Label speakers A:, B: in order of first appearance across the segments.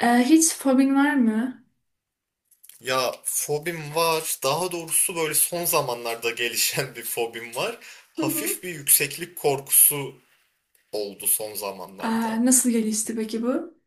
A: Hiç fobin var mı?
B: Ya fobim var. Daha doğrusu böyle son zamanlarda gelişen bir fobim var.
A: Hı hı.
B: Hafif bir yükseklik korkusu oldu son
A: Aa,
B: zamanlarda.
A: nasıl gelişti
B: Yük-
A: peki bu?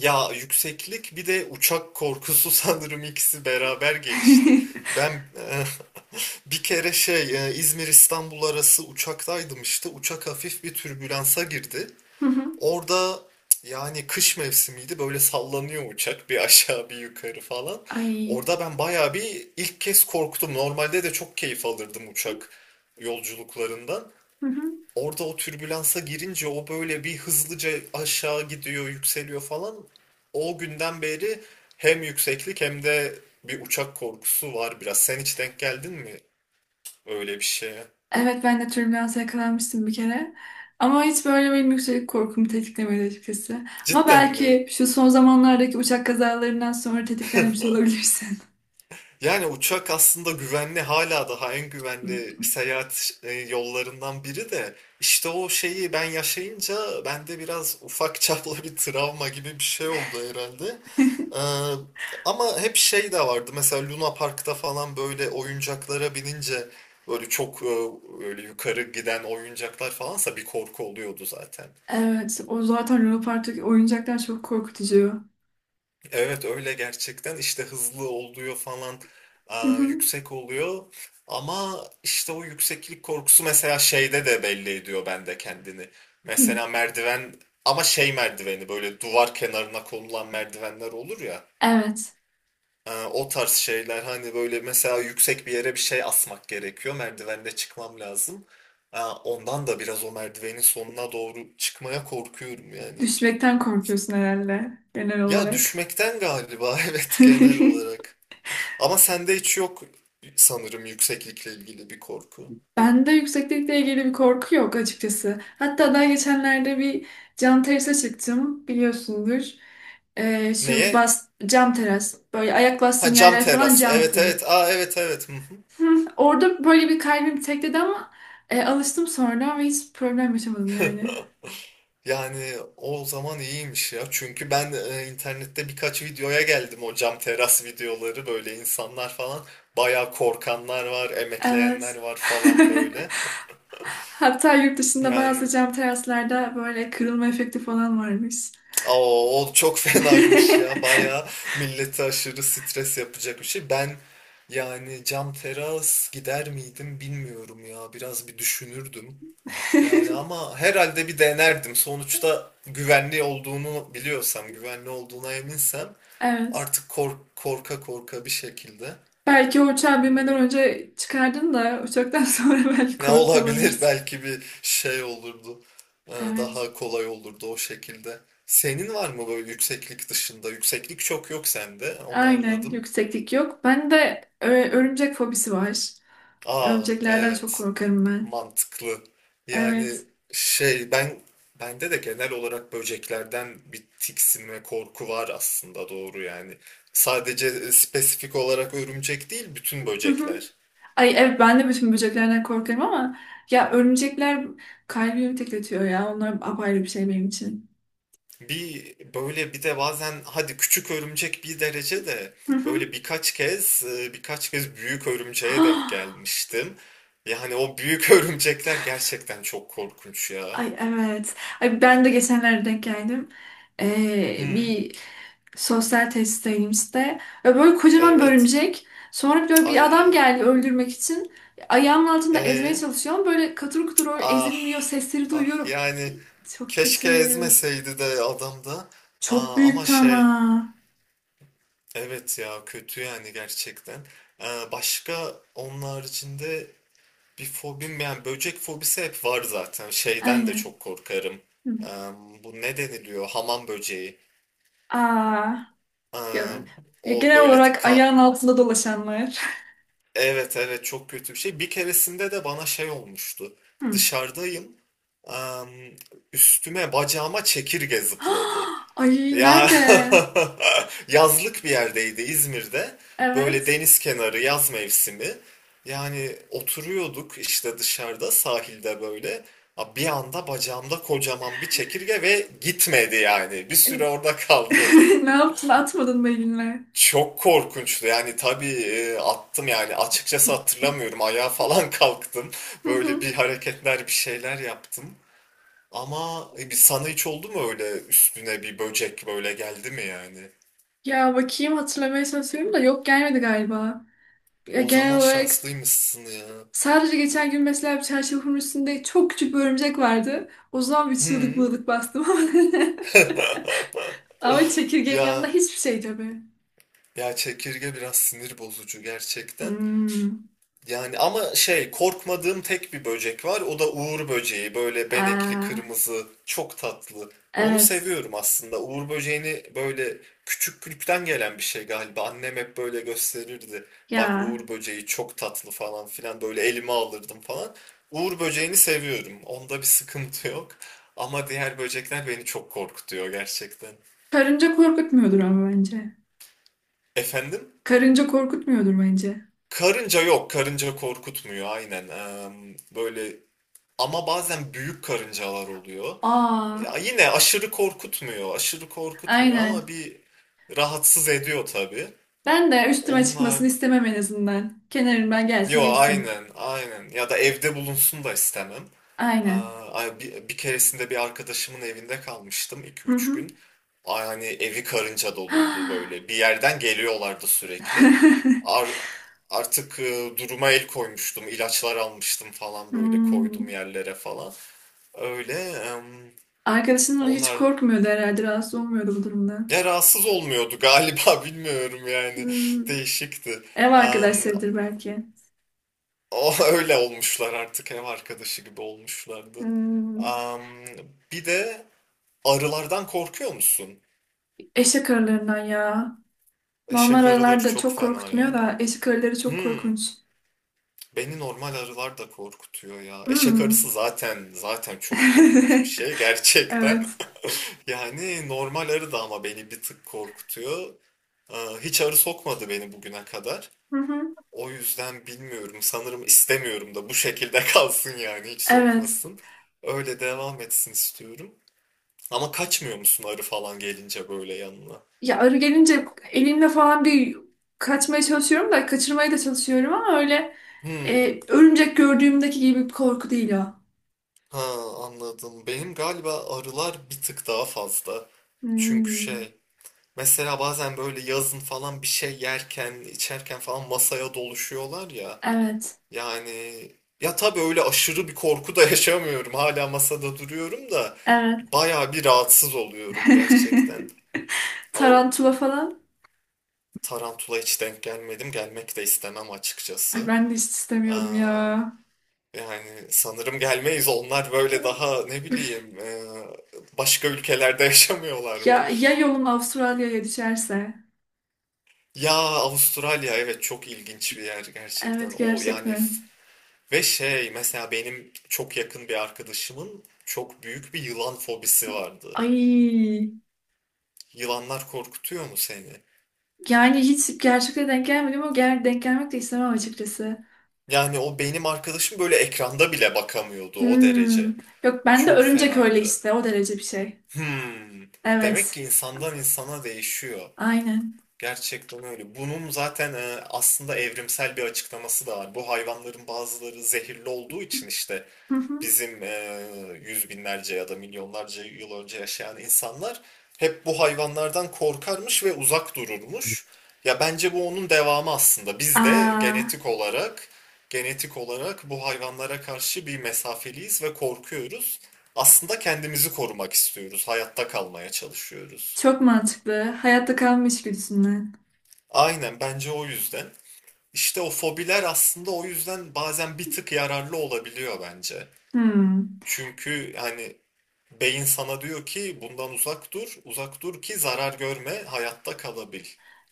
B: Ya yükseklik bir de uçak korkusu sanırım ikisi beraber gelişti. Ben e, bir kere İzmir İstanbul arası uçaktaydım işte. Uçak hafif bir türbülansa girdi.
A: Hı hı.
B: Orada yani kış mevsimiydi böyle sallanıyor uçak bir aşağı bir yukarı falan.
A: Ay.
B: Orada ben bayağı bir ilk kez korktum. Normalde de çok keyif alırdım uçak yolculuklarından.
A: Hı hı.
B: Orada o türbülansa girince o böyle bir hızlıca aşağı gidiyor, yükseliyor falan. O günden beri hem yükseklik hem de bir uçak korkusu var biraz. Sen hiç denk geldin mi öyle bir şeye?
A: Evet, ben de türbülansa yakalanmıştım bir kere. Ama hiç böyle benim yükseklik korkumu tetiklemedi açıkçası. Ama
B: Cidden mi?
A: belki şu son zamanlardaki uçak kazalarından sonra tetiklenmiş olabilirsin.
B: Yani uçak aslında güvenli hala daha en
A: Hı.
B: güvenli seyahat yollarından biri de işte o şeyi ben yaşayınca bende biraz ufak çaplı bir travma gibi bir şey oldu herhalde. Ee, ama hep şey de vardı mesela Luna Park'ta falan böyle oyuncaklara binince böyle böyle yukarı giden oyuncaklar falansa bir korku oluyordu zaten.
A: Evet, o zaten Lunapark'taki oyuncaklar çok korkutucu.
B: Evet öyle gerçekten işte hızlı oluyor falan
A: Hı
B: aa,
A: hı.
B: yüksek oluyor ama işte o yükseklik korkusu mesela şeyde de belli ediyor bende kendini.
A: Hı.
B: Mesela merdiven, ama şey merdiveni böyle duvar kenarına konulan merdivenler olur ya.
A: Evet.
B: Aa, o tarz şeyler hani böyle mesela yüksek bir yere bir şey asmak gerekiyor, merdivende çıkmam lazım. Aa, ondan da biraz o merdivenin sonuna doğru çıkmaya korkuyorum yani.
A: Düşmekten korkuyorsun herhalde genel
B: Ya
A: olarak.
B: düşmekten galiba evet genel olarak. Ama sende hiç yok sanırım yükseklikle ilgili bir korku.
A: Bende yükseklikle ilgili bir korku yok açıkçası. Hatta daha geçenlerde bir cam terasa çıktım, biliyorsundur. Şu
B: Neye?
A: cam teras, böyle ayak
B: Ha
A: bastığın
B: cam
A: yerler falan
B: teras.
A: cam
B: Evet,
A: full.
B: evet. Aa, evet, evet. Hı hı.
A: Hı. Orada böyle bir kalbim tekledi ama alıştım sonra ve hiç problem yaşamadım yani.
B: Yani o zaman iyiymiş ya. Çünkü ben internette birkaç videoya geldim, o cam teras videoları böyle insanlar falan. Bayağı korkanlar var, emekleyenler
A: Evet.
B: var falan böyle.
A: Hatta yurt dışında
B: Yani
A: bazı cam teraslarda böyle kırılma efekti falan varmış.
B: oo, o çok fenaymış ya. Bayağı millete aşırı stres yapacak bir şey. Ben yani cam teras gider miydim bilmiyorum ya. Biraz bir düşünürdüm. Yani ama herhalde bir denerdim. Sonuçta güvenli olduğunu biliyorsam, güvenli olduğuna eminsem
A: Evet.
B: artık kork korka korka bir şekilde.
A: Belki o uçağı binmeden
B: Ya.
A: önce çıkardın da uçaktan sonra belki
B: Ne
A: korkuyor
B: olabilir
A: olabilirsin.
B: belki bir şey olurdu.
A: Evet.
B: Daha kolay olurdu o şekilde. Senin var mı böyle yükseklik dışında? Yükseklik çok yok sende. Onu
A: Aynen.
B: anladım.
A: Yükseklik yok. Ben de örümcek fobisi var.
B: Aa,
A: Örümceklerden çok
B: evet.
A: korkarım ben.
B: Mantıklı. Yani
A: Evet.
B: şey, bende de genel olarak böceklerden bir tiksinme korku var aslında, doğru yani. Sadece spesifik olarak örümcek değil, bütün böcekler.
A: Ay evet, ben de bütün böceklerden korkarım ama ya örümcekler kalbimi tekletiyor ya. Onlar apayrı bir şey benim için.
B: Bir böyle bir de bazen hadi küçük örümcek bir derece de,
A: Hı hı.
B: böyle birkaç kez büyük örümceğe denk gelmiştim. Yani o büyük örümcekler gerçekten çok korkunç ya.
A: Ay evet. Ay, ben de geçenlerde denk geldim. Ee,
B: Hı,
A: bir sosyal tesisteyimizde. Ve böyle kocaman bir
B: evet.
A: örümcek. Sonra böyle bir adam
B: Ay.
A: geldi öldürmek için. Ayağımın altında ezmeye
B: E,
A: çalışıyorum. Böyle katır kutur öyle
B: ah.
A: ezilmiyor. Sesleri
B: Ah
A: duyuyorum.
B: yani
A: Çok kötü.
B: keşke ezmeseydi de adam da.
A: Çok
B: Aa, ama
A: büyüktü
B: şey,
A: ama.
B: evet ya kötü yani gerçekten. Başka onun haricinde bir fobim, yani böcek fobisi hep var zaten. Şeyden de
A: Aynen.
B: çok korkarım.
A: Hı.
B: Eee, bu ne deniliyor? Hamam böceği.
A: Aa,
B: Eee,
A: ya- ya
B: o
A: genel
B: böyle
A: olarak ayağın altında dolaşanlar.
B: evet, evet çok kötü bir şey. Bir keresinde de bana şey olmuştu.
A: Hı.
B: Dışarıdayım. Eee, üstüme bacağıma çekirge zıpladı.
A: Ay,
B: Ya
A: nerede?
B: yazlık bir yerdeydi İzmir'de. Böyle
A: Evet.
B: deniz kenarı yaz mevsimi. Yani oturuyorduk işte dışarıda sahilde böyle. Ha, bir anda bacağımda kocaman bir çekirge ve gitmedi yani. Bir süre orada kaldı.
A: Ne yaptın? Atmadın mı elinle?
B: Çok korkunçtu yani, tabii attım yani, açıkçası hatırlamıyorum, ayağa falan kalktım. Böyle bir hareketler, bir şeyler yaptım. Ama bir sana hiç oldu mu öyle üstüne bir böcek böyle geldi mi yani?
A: Ya bakayım, hatırlamaya çalışıyorum da yok, gelmedi galiba.
B: O
A: Genel
B: zaman
A: olarak
B: şanslıymışsın ya.
A: sadece geçen gün mesela bir çarşafın üstünde çok küçük bir örümcek vardı. O zaman bir çığlık
B: Hı.
A: mığlık bastım ama. Çekirgenin yanında
B: Ya
A: hiçbir şey tabii.
B: ya çekirge biraz sinir bozucu gerçekten.
A: Hmm.
B: Yani ama şey, korkmadığım tek bir böcek var. O da uğur böceği. Böyle benekli,
A: Aa,
B: kırmızı, çok tatlı. Onu
A: evet.
B: seviyorum aslında. Uğur böceğini, böyle küçüklükten gelen bir şey galiba. Annem hep böyle gösterirdi. Bak
A: Ya.
B: uğur böceği çok tatlı falan filan. Böyle elime alırdım falan. Uğur böceğini seviyorum. Onda bir sıkıntı yok. Ama diğer böcekler beni çok korkutuyor gerçekten.
A: Karınca korkutmuyordur ama bence.
B: Efendim?
A: Karınca korkutmuyordur bence.
B: Karınca yok. Karınca korkutmuyor, aynen. Böyle ama bazen büyük karıncalar oluyor. Ya
A: Aa,
B: yine aşırı korkutmuyor, aşırı korkutmuyor ama
A: aynen.
B: bir rahatsız ediyor tabii.
A: Ben de üstüme
B: Onlar,
A: çıkmasını istemem en azından. Kenarımdan gelsin
B: yo
A: geçsin.
B: aynen, aynen. Ya da evde bulunsun da istemem.
A: Aynen.
B: Aa, ay, bir keresinde bir arkadaşımın evinde kalmıştım iki
A: Hı
B: üç
A: hı.
B: gün. Ay, hani evi karınca doluydu böyle. Bir yerden geliyorlardı sürekli. Ar- artık duruma el koymuştum, ilaçlar almıştım falan, böyle koydum
A: Hmm.
B: yerlere falan. Öyle.
A: Arkadaşın hiç
B: Onlar
A: korkmuyordu herhalde, rahatsız olmuyordu bu durumda.
B: ya rahatsız olmuyordu galiba, bilmiyorum yani,
A: Hmm.
B: değişikti.
A: Ev
B: Am,
A: arkadaşlarıdır belki.
B: o öyle olmuşlar, artık ev arkadaşı gibi olmuşlardı.
A: Hmm.
B: Am, bir de arılardan korkuyor musun?
A: Eşek arılarından ya. Normal
B: Eşek
A: arılar
B: arıları
A: da
B: çok
A: çok
B: fena
A: korkutmuyor
B: ya.
A: da eşek arıları çok
B: Hmm,
A: korkunç.
B: beni normal arılar da korkutuyor ya. Eşek arısı
A: Hmm.
B: zaten çok korkunç bir şey gerçekten.
A: Evet.
B: Yani normal arı da ama beni bir tık korkutuyor. Aa, hiç arı sokmadı beni bugüne kadar.
A: Hı hı.
B: O yüzden bilmiyorum. Sanırım istemiyorum da, bu şekilde kalsın yani, hiç
A: Evet.
B: sokmasın. Öyle devam etsin istiyorum. Ama kaçmıyor musun arı falan gelince böyle yanına?
A: Ya arı gelince elimle falan bir kaçmaya çalışıyorum da kaçırmaya da çalışıyorum ama öyle
B: Hmm,
A: örümcek gördüğümdeki gibi bir korku değil o.
B: ha, anladım. Benim galiba arılar bir tık daha fazla. Çünkü
A: Hmm.
B: şey, mesela bazen böyle yazın falan bir şey yerken, içerken falan masaya doluşuyorlar ya.
A: Evet.
B: Yani ya tabii öyle aşırı bir korku da yaşamıyorum. Hala masada duruyorum da
A: Evet.
B: bayağı bir rahatsız oluyorum gerçekten. O
A: Tarantula falan.
B: tarantula hiç denk gelmedim. Gelmek de istemem
A: Ay,
B: açıkçası.
A: ben de hiç
B: Aa,
A: istemiyorum ya.
B: yani sanırım gelmeyiz. Onlar böyle daha ne
A: Üf.
B: bileyim başka ülkelerde yaşamıyorlar mı?
A: Ya yolun Avustralya'ya düşerse.
B: Ya Avustralya evet çok ilginç bir yer gerçekten.
A: Evet,
B: O yani
A: gerçekten.
B: ve şey, mesela benim çok yakın bir arkadaşımın çok büyük bir yılan fobisi vardı.
A: Ay.
B: Yılanlar korkutuyor mu seni?
A: Yani hiç gerçekten denk gelmedim ama denk gelmek de istemem açıkçası.
B: Yani o benim arkadaşım böyle ekranda bile bakamıyordu, o derece.
A: Hmm. Yok, ben de
B: Çok
A: örümcek öyle
B: fenaydı.
A: işte, o derece bir şey.
B: Hmm. Demek
A: Evet.
B: ki insandan insana değişiyor.
A: Aynen.
B: Gerçekten öyle. Bunun zaten aslında evrimsel bir açıklaması da var. Bu hayvanların bazıları zehirli olduğu için işte
A: Hı hı.
B: bizim yüz binlerce ya da milyonlarca yıl önce yaşayan insanlar hep bu hayvanlardan korkarmış ve uzak dururmuş. Ya bence bu onun devamı aslında. Biz de
A: Aa,
B: genetik olarak genetik olarak bu hayvanlara karşı bir mesafeliyiz ve korkuyoruz. Aslında kendimizi korumak istiyoruz, hayatta kalmaya çalışıyoruz.
A: çok mantıklı. Hayatta kalma içgüdüsünden.
B: Aynen bence o yüzden. İşte o fobiler aslında o yüzden bazen bir tık yararlı olabiliyor bence.
A: Hmm.
B: Çünkü hani beyin sana diyor ki bundan uzak dur, uzak dur ki zarar görme, hayatta kalabil.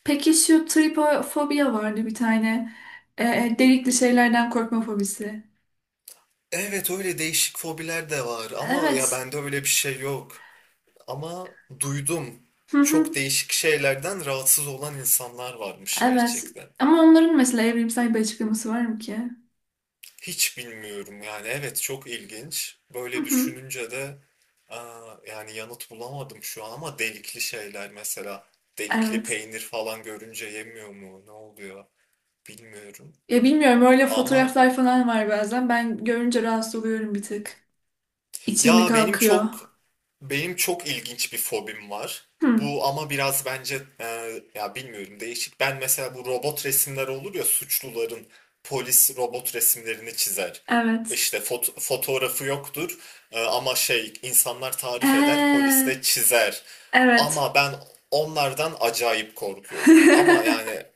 A: Peki şu tripofobiya vardı bir tane. Delikli şeylerden korkma fobisi.
B: Evet öyle değişik fobiler de var ama ya
A: Evet.
B: bende öyle bir şey yok. Ama duydum
A: Hı hı.
B: çok değişik şeylerden rahatsız olan insanlar varmış
A: Evet.
B: gerçekten.
A: Ama onların mesela evrimsel bir açıklaması var mı ki?
B: Hiç bilmiyorum yani, evet çok ilginç.
A: Hı
B: Böyle
A: hı.
B: düşününce de aa, yani yanıt bulamadım şu an, ama delikli şeyler mesela delikli
A: Evet.
B: peynir falan görünce yemiyor mu, ne oluyor bilmiyorum.
A: Ya bilmiyorum, öyle
B: Ama
A: fotoğraflar falan var bazen. Ben görünce rahatsız oluyorum bir tık. İçim bir
B: ya
A: kalkıyor.
B: benim çok ilginç bir fobim var.
A: Hı.
B: Bu ama biraz bence ya bilmiyorum, değişik. Ben mesela bu robot resimler olur ya, suçluların polis robot resimlerini çizer.
A: Evet.
B: İşte fotoğrafı yoktur ama şey, insanlar tarif eder,
A: He.
B: polis de çizer.
A: Evet.
B: Ama ben onlardan acayip korkuyorum. Ama yani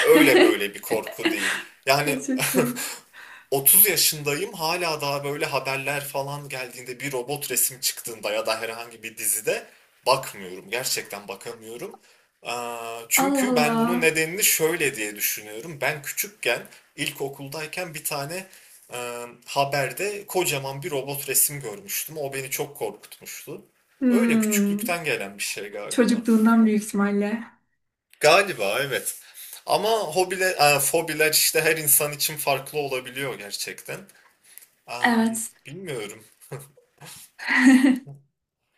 B: öyle böyle bir korku değil. Yani
A: Ay, çok komik.
B: 30 yaşındayım, hala daha böyle haberler falan geldiğinde bir robot resim çıktığında ya da herhangi bir dizide bakmıyorum. Gerçekten bakamıyorum. Aa,
A: Allah
B: çünkü ben bunun
A: Allah.
B: nedenini şöyle diye düşünüyorum. Ben küçükken ilkokuldayken bir tane e, haberde kocaman bir robot resim görmüştüm. O beni çok korkutmuştu. Öyle
A: Hmm.
B: küçüklükten gelen bir şey galiba.
A: Çocukluğundan büyük ihtimalle.
B: Galiba evet. Ama fobiler işte her insan için farklı olabiliyor gerçekten. Am,
A: Evet.
B: bilmiyorum.